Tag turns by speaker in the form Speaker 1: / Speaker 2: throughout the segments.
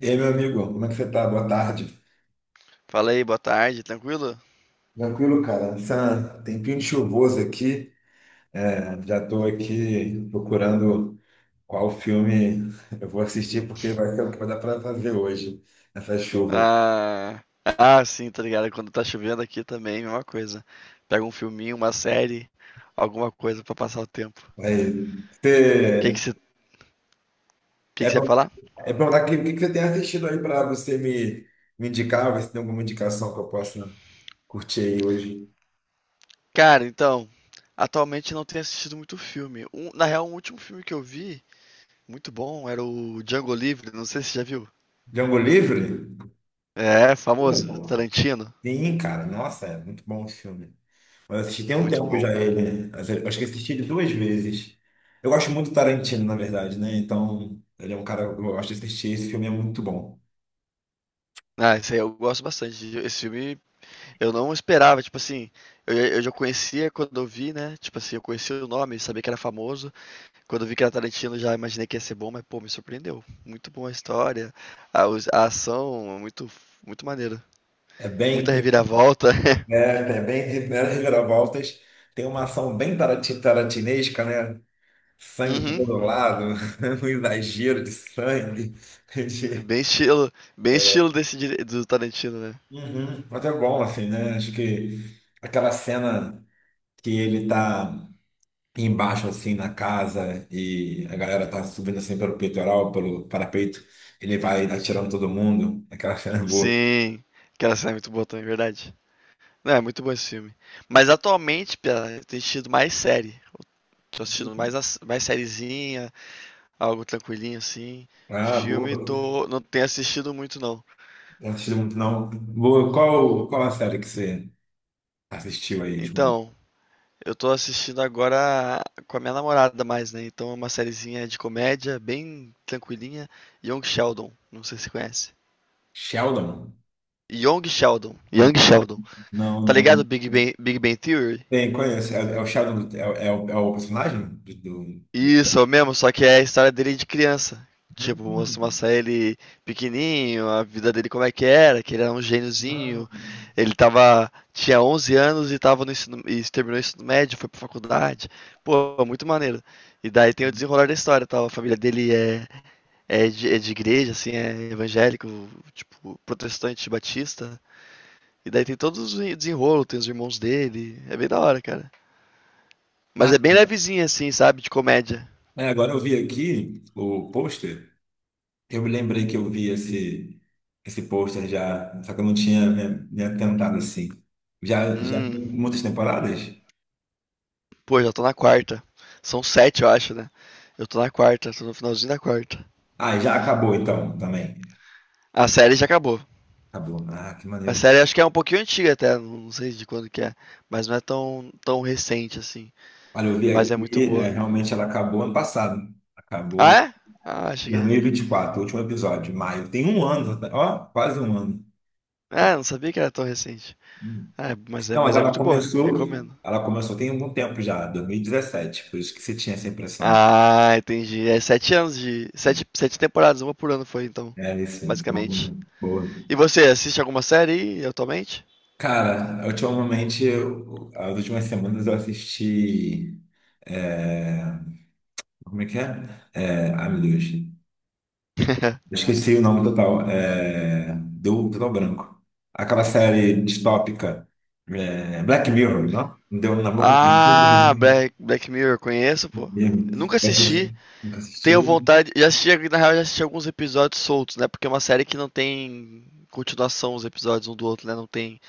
Speaker 1: E aí, meu amigo, como é que você tá? Boa tarde.
Speaker 2: Fala aí, boa tarde, tranquilo?
Speaker 1: Tranquilo, cara. Essa tempinho de chuvoso aqui. Já estou aqui procurando qual filme eu vou assistir, porque vai ser o que vai dar para fazer hoje, essa chuva.
Speaker 2: Sim, tá ligado? Quando tá chovendo aqui também, mesma coisa. Pega um filminho, uma série, alguma coisa pra passar o tempo. O
Speaker 1: Mas
Speaker 2: que que
Speaker 1: você,
Speaker 2: você, que
Speaker 1: é
Speaker 2: que você ia
Speaker 1: pra
Speaker 2: falar?
Speaker 1: é pra falar que, o que que você tem assistido aí para você me, me indicar, ver se tem alguma indicação que eu possa curtir aí hoje.
Speaker 2: Cara, então, atualmente não tenho assistido muito filme. Na real, o último filme que eu vi, muito bom, era o Django Livre, não sei se você já viu.
Speaker 1: Django Livre?
Speaker 2: É, famoso, Tarantino,
Speaker 1: Sim, cara. Nossa, é muito bom o filme. Eu assisti tem um
Speaker 2: muito
Speaker 1: tempo já
Speaker 2: bom.
Speaker 1: ele. Eu Acho que assisti ele duas vezes. Eu gosto muito do Tarantino, na verdade, né? Então, ele é um cara que eu gosto de assistir. Esse filme é muito bom.
Speaker 2: Ah, esse aí eu gosto bastante. Esse filme, eu não esperava, tipo assim, eu já conhecia quando eu vi, né? Tipo assim, eu conhecia o nome, sabia que era famoso. Quando eu vi que era Tarantino, já imaginei que ia ser bom, mas pô, me surpreendeu. Muito boa a história, a ação, muito, muito maneiro.
Speaker 1: É bem,
Speaker 2: Muita reviravolta.
Speaker 1: é, é bem reviravoltas. Tem uma ação bem tarantinesca, né? Sangue por
Speaker 2: Uhum.
Speaker 1: todo lado, um exagero de sangue. de-
Speaker 2: Bem estilo do Tarantino, né?
Speaker 1: Uhum. Mas é bom, assim, né? Acho que aquela cena que ele tá embaixo assim na casa e a galera tá subindo assim pelo peitoral, pelo parapeito, ele vai atirando todo mundo. Aquela cena é boa.
Speaker 2: Sim, aquela cena é muito boa também, é verdade. Não, é muito bom esse filme. Mas atualmente, Pia, eu tenho assistido mais série. Tô assistindo mais sériezinha, algo tranquilinho assim.
Speaker 1: Ah, boa.
Speaker 2: Filme, tô, não tenho assistido muito não.
Speaker 1: Não assisti muito, não. Boa. Qual a série que você assistiu aí, tipo,
Speaker 2: Então, eu tô assistindo agora com a minha namorada mais, né? Então é uma sériezinha de comédia, bem tranquilinha. Young Sheldon, não sei se você conhece.
Speaker 1: Sheldon?
Speaker 2: Young Sheldon.
Speaker 1: Não,
Speaker 2: Tá ligado
Speaker 1: não.
Speaker 2: Big Bang, Big Bang Theory?
Speaker 1: Tem, conheço. É, é o Sheldon, é, é o personagem do.
Speaker 2: Isso, é o mesmo, só que é a história dele de criança. Tipo, mostra
Speaker 1: Hum.
Speaker 2: mostra ele pequenininho, a vida dele como é que era, que ele era um gêniozinho. Ele tava, tinha 11 anos e tava no ensino, e terminou o ensino médio, foi pra faculdade. Pô, é muito maneiro. E daí tem o desenrolar da história, tal. A família dele é, é de igreja, assim, é evangélico, tipo, protestante batista. E daí tem todos os desenrolos, tem os irmãos dele. É bem da hora, cara. Mas
Speaker 1: Ah,
Speaker 2: é bem levezinho, assim, sabe? De comédia.
Speaker 1: é, agora eu vi aqui o pôster. Eu me lembrei que eu vi esse, esse pôster já, só que eu não tinha me atentado assim. Já
Speaker 2: Hum,
Speaker 1: tem muitas temporadas?
Speaker 2: Pô, já tô na quarta. São sete, eu acho, né? Eu tô na quarta, tô no finalzinho da quarta.
Speaker 1: Ah, já acabou então, também.
Speaker 2: A série já acabou.
Speaker 1: Acabou. Ah, que
Speaker 2: A
Speaker 1: maneiro.
Speaker 2: série acho que é um pouquinho antiga até, não sei de quando que é. Mas não é tão, tão recente assim.
Speaker 1: Olha, eu vi
Speaker 2: Mas é muito
Speaker 1: aqui,
Speaker 2: boa.
Speaker 1: né, realmente ela acabou ano passado.
Speaker 2: Ah,
Speaker 1: Acabou
Speaker 2: é? Ah, achei
Speaker 1: em
Speaker 2: que. É.
Speaker 1: 2024, o último episódio, maio. Tem um ano, né? Ó, quase um ano. Que é-
Speaker 2: Ah, não sabia que era tão recente.
Speaker 1: um
Speaker 2: Ah,
Speaker 1: Não, mas
Speaker 2: mas é muito boa, recomendo.
Speaker 1: ela começou tem algum tempo já, 2017, por isso que você tinha essa impressão.
Speaker 2: Ah, entendi. É sete anos de. Sete, sete temporadas, uma por ano foi então,
Speaker 1: É isso,
Speaker 2: basicamente.
Speaker 1: então, boa.
Speaker 2: E você assiste alguma série aí, atualmente?
Speaker 1: Cara, ultimamente, as últimas semanas eu assisti. é, Como é que é? É, ai, meu Deus. Eu esqueci o nome total. É, deu um total branco. Aquela série distópica. Black Mirror, não? Deu um na boca.
Speaker 2: Ah, Black Mirror, conheço, pô. Eu nunca assisti,
Speaker 1: Nunca
Speaker 2: tenho
Speaker 1: assistiu?
Speaker 2: vontade. Já assisti, na real, já assisti alguns episódios soltos, né? Porque é uma série que não tem continuação os episódios um do outro, né? Não tem.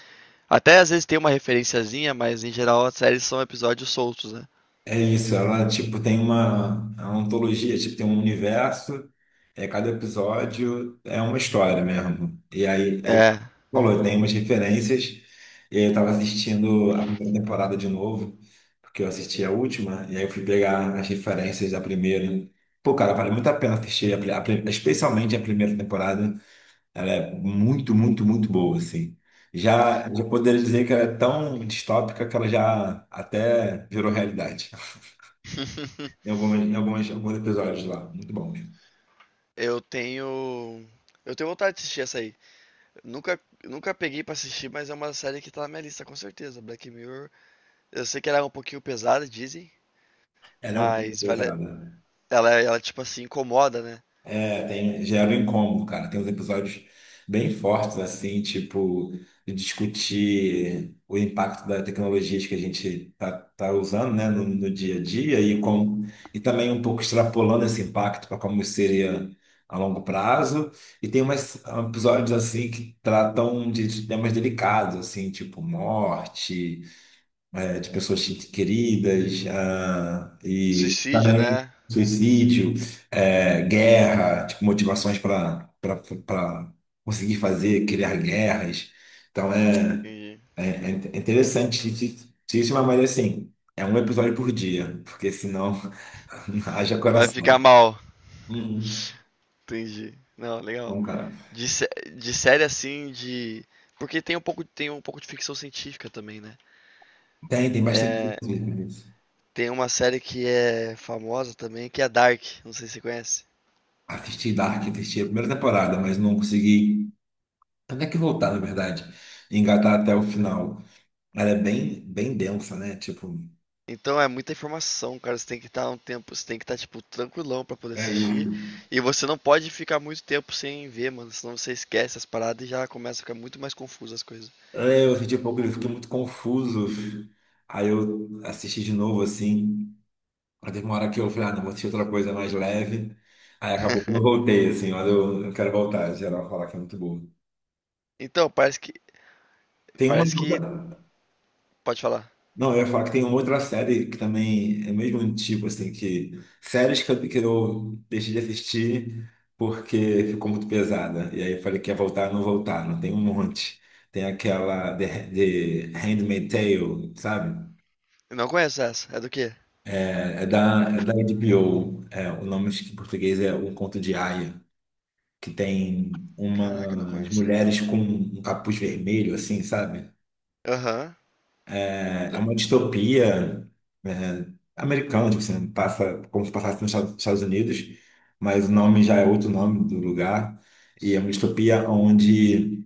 Speaker 2: Até às vezes tem uma referenciazinha, mas em geral as séries são episódios soltos, né?
Speaker 1: É isso, ela tipo tem uma, é uma antologia, tipo tem um universo, cada episódio é uma história mesmo. E aí é
Speaker 2: É.
Speaker 1: falou, tem umas referências. E aí eu tava assistindo a primeira temporada de novo, porque eu assisti a última, e aí eu fui pegar as referências da primeira. Pô, cara, vale muito a pena assistir, especialmente a primeira temporada. Ela é muito, muito, muito boa, assim. Já poderia dizer que ela é tão distópica que ela já até virou realidade. Alguns episódios lá. Muito bom mesmo.
Speaker 2: Eu tenho. Eu tenho vontade de assistir essa aí. Nunca peguei pra assistir, mas é uma série que tá na minha lista com certeza. Black Mirror. Eu sei que ela é um pouquinho pesada, dizem,
Speaker 1: Ela é um pouco
Speaker 2: mas vale...
Speaker 1: pesada.
Speaker 2: tipo assim, incomoda, né?
Speaker 1: É, tem, gera um incômodo, cara. Tem uns episódios bem fortes, assim, tipo, de discutir o impacto das tecnologias que a gente tá usando, né, no dia a dia e, como, e também um pouco extrapolando esse impacto para como seria a longo prazo. E tem umas episódios, assim, que tratam de temas delicados, assim, tipo morte é, de pessoas queridas, ah, e
Speaker 2: Suicídio,
Speaker 1: também
Speaker 2: né?
Speaker 1: suicídio, é, guerra, tipo, motivações para conseguir fazer, criar guerras. Então é,
Speaker 2: Entendi.
Speaker 1: É interessantíssimo, mas assim, é um episódio por dia, porque senão haja
Speaker 2: Vai ficar
Speaker 1: coração.
Speaker 2: mal.
Speaker 1: Uhum.
Speaker 2: Entendi. Não, legal.
Speaker 1: Bom, cara.
Speaker 2: De, sé- de série assim, de. Porque tem um pouco de ficção científica também, né?
Speaker 1: Tem, tem bastante
Speaker 2: É,
Speaker 1: coisa nisso.
Speaker 2: tem uma série que é famosa também, que é Dark. Não sei se você conhece.
Speaker 1: Assisti Dark, assisti a primeira temporada, mas não consegui até que voltar, na verdade, e engatar até o final. Ela é bem, bem densa, né? Tipo,
Speaker 2: Então é muita informação, cara. Você tem que estar, tipo, tranquilão pra poder
Speaker 1: É, e-
Speaker 2: assistir. E você não pode ficar muito tempo sem ver, mano. Senão você esquece as paradas e já começa a ficar muito mais confuso as coisas.
Speaker 1: é, eu senti um pouco, eu fiquei muito confuso. Aí eu assisti de novo, assim. Aí teve uma hora que eu falei, ah, não, vou assistir outra coisa mais leve. Aí acabou que eu voltei, assim, mas eu quero voltar. Geral fala que é muito boa.
Speaker 2: Então, parece que.
Speaker 1: Tem uma.
Speaker 2: Parece que. Pode falar.
Speaker 1: Não, eu ia falar que tem uma outra série que também é o mesmo tipo assim, que séries que que eu deixei de assistir porque ficou muito pesada. E aí eu falei que ia voltar, não tem um monte. Tem aquela The Handmaid's Tale, sabe?
Speaker 2: Eu não conheço essa. É do quê?
Speaker 1: É, é da HBO. É, o nome acho que em português é Um Conto de Aia, que tem
Speaker 2: Caraca, eu não
Speaker 1: umas
Speaker 2: conheço.
Speaker 1: mulheres com um capuz vermelho, assim, sabe?
Speaker 2: Aham.
Speaker 1: É uma distopia é, americana, tipo assim, passa como se passasse nos Estados Unidos, mas o nome já é outro nome do lugar. E é uma distopia onde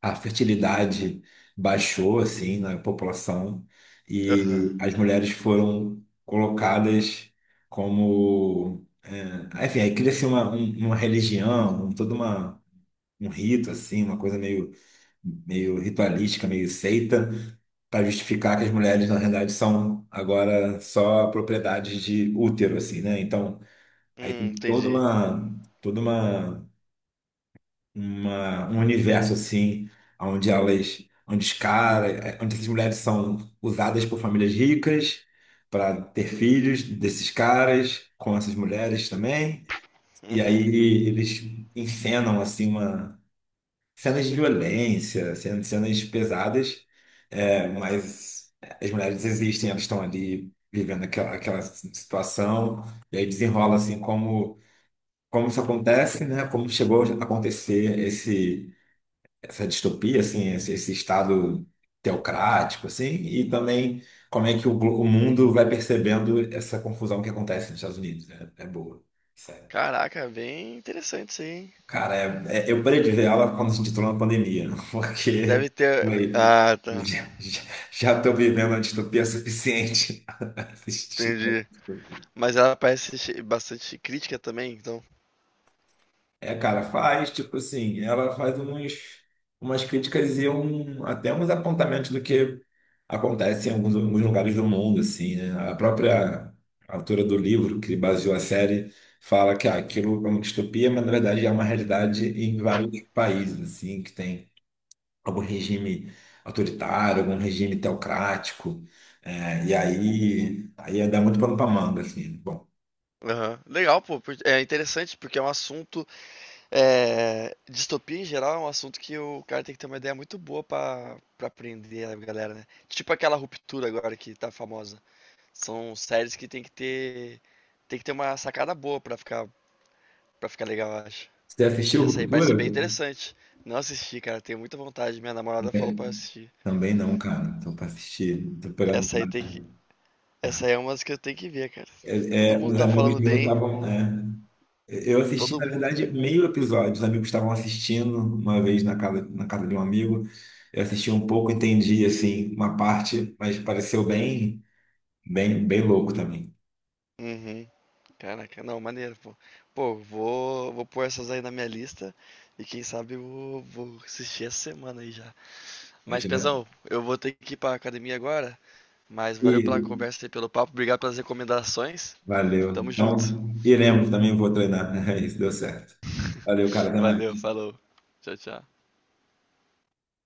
Speaker 1: a fertilidade baixou, assim, na população e
Speaker 2: Aham.
Speaker 1: as mulheres foram colocadas como... é, enfim, aí cria-se uma, um- uma religião, toda uma, um rito, assim, uma coisa meio meio ritualística, meio seita, para justificar que as mulheres, na realidade, são agora só propriedades de útero, assim, né? Então, aí tem
Speaker 2: Entendi.
Speaker 1: um universo, assim, onde elas, onde os caras, onde essas mulheres são usadas por famílias ricas para ter filhos desses caras com essas mulheres também. E
Speaker 2: Uhum.
Speaker 1: aí eles encenam, assim, cenas de violência, cenas pesadas, é, mas as mulheres existem, elas estão ali vivendo aquela situação, e aí desenrola assim como, como isso acontece, né? Como chegou a acontecer esse, essa distopia, assim, esse estado teocrático, assim, e também como é que o mundo vai percebendo essa confusão que acontece nos Estados Unidos, né? É boa.
Speaker 2: Caraca, bem interessante isso aí, hein?
Speaker 1: Cara, eu parei de ver aula quando a gente entrou na pandemia, porque
Speaker 2: Deve ter.
Speaker 1: aí,
Speaker 2: Ah, tá.
Speaker 1: já, estou vivendo a distopia suficiente para assistir.
Speaker 2: Entendi. Mas ela parece bastante crítica também, então.
Speaker 1: É, cara, faz, tipo assim, ela faz uns, umas críticas e um, até uns apontamentos do que acontece em alguns lugares do mundo, assim, né? A própria autora do livro que baseou a série fala que ah, aquilo é uma distopia, mas na verdade é uma realidade em vários países, assim, que tem algum regime autoritário, algum regime teocrático. Aí ia dar muito pano pra manga, assim. Bom,
Speaker 2: Aham. Legal, pô. É interessante porque é um assunto. Distopia em geral é um assunto que o cara tem que ter uma ideia muito boa pra aprender a galera, né? Tipo aquela ruptura agora que tá famosa. São séries que tem que ter uma sacada boa pra ficar para ficar legal, eu acho.
Speaker 1: você
Speaker 2: E
Speaker 1: assistiu
Speaker 2: essa aí parece
Speaker 1: Ruptura?
Speaker 2: bem interessante. Não assisti, cara, tenho muita vontade. Minha namorada
Speaker 1: É,
Speaker 2: falou pra eu assistir.
Speaker 1: também não, cara. Então, pra assistir, tô pegando
Speaker 2: Essa
Speaker 1: pra...
Speaker 2: aí tem que essa aí é uma das que eu tenho que ver, cara. Todo mundo
Speaker 1: Uns
Speaker 2: tá
Speaker 1: amigos
Speaker 2: falando
Speaker 1: meus
Speaker 2: bem,
Speaker 1: estavam... eu assisti,
Speaker 2: todo
Speaker 1: na
Speaker 2: mundo.
Speaker 1: verdade, meio episódio. Os amigos estavam assistindo uma vez na casa de um amigo. Eu assisti um pouco, entendi, assim, uma parte, mas pareceu bem louco também.
Speaker 2: Uhum. Caraca, não, maneiro, pô. Pô, vou pôr essas aí na minha lista e quem sabe eu vou assistir essa semana aí já.
Speaker 1: Eu
Speaker 2: Mas,
Speaker 1: já-
Speaker 2: Pezão, eu vou ter que ir pra academia agora, mas valeu
Speaker 1: E,
Speaker 2: pela conversa e pelo papo, obrigado pelas recomendações.
Speaker 1: valeu.
Speaker 2: Tamo junto.
Speaker 1: Então, iremos também, vou treinar. Isso deu certo. Valeu, cara. Até
Speaker 2: Valeu,
Speaker 1: mais.
Speaker 2: falou. Tchau, tchau.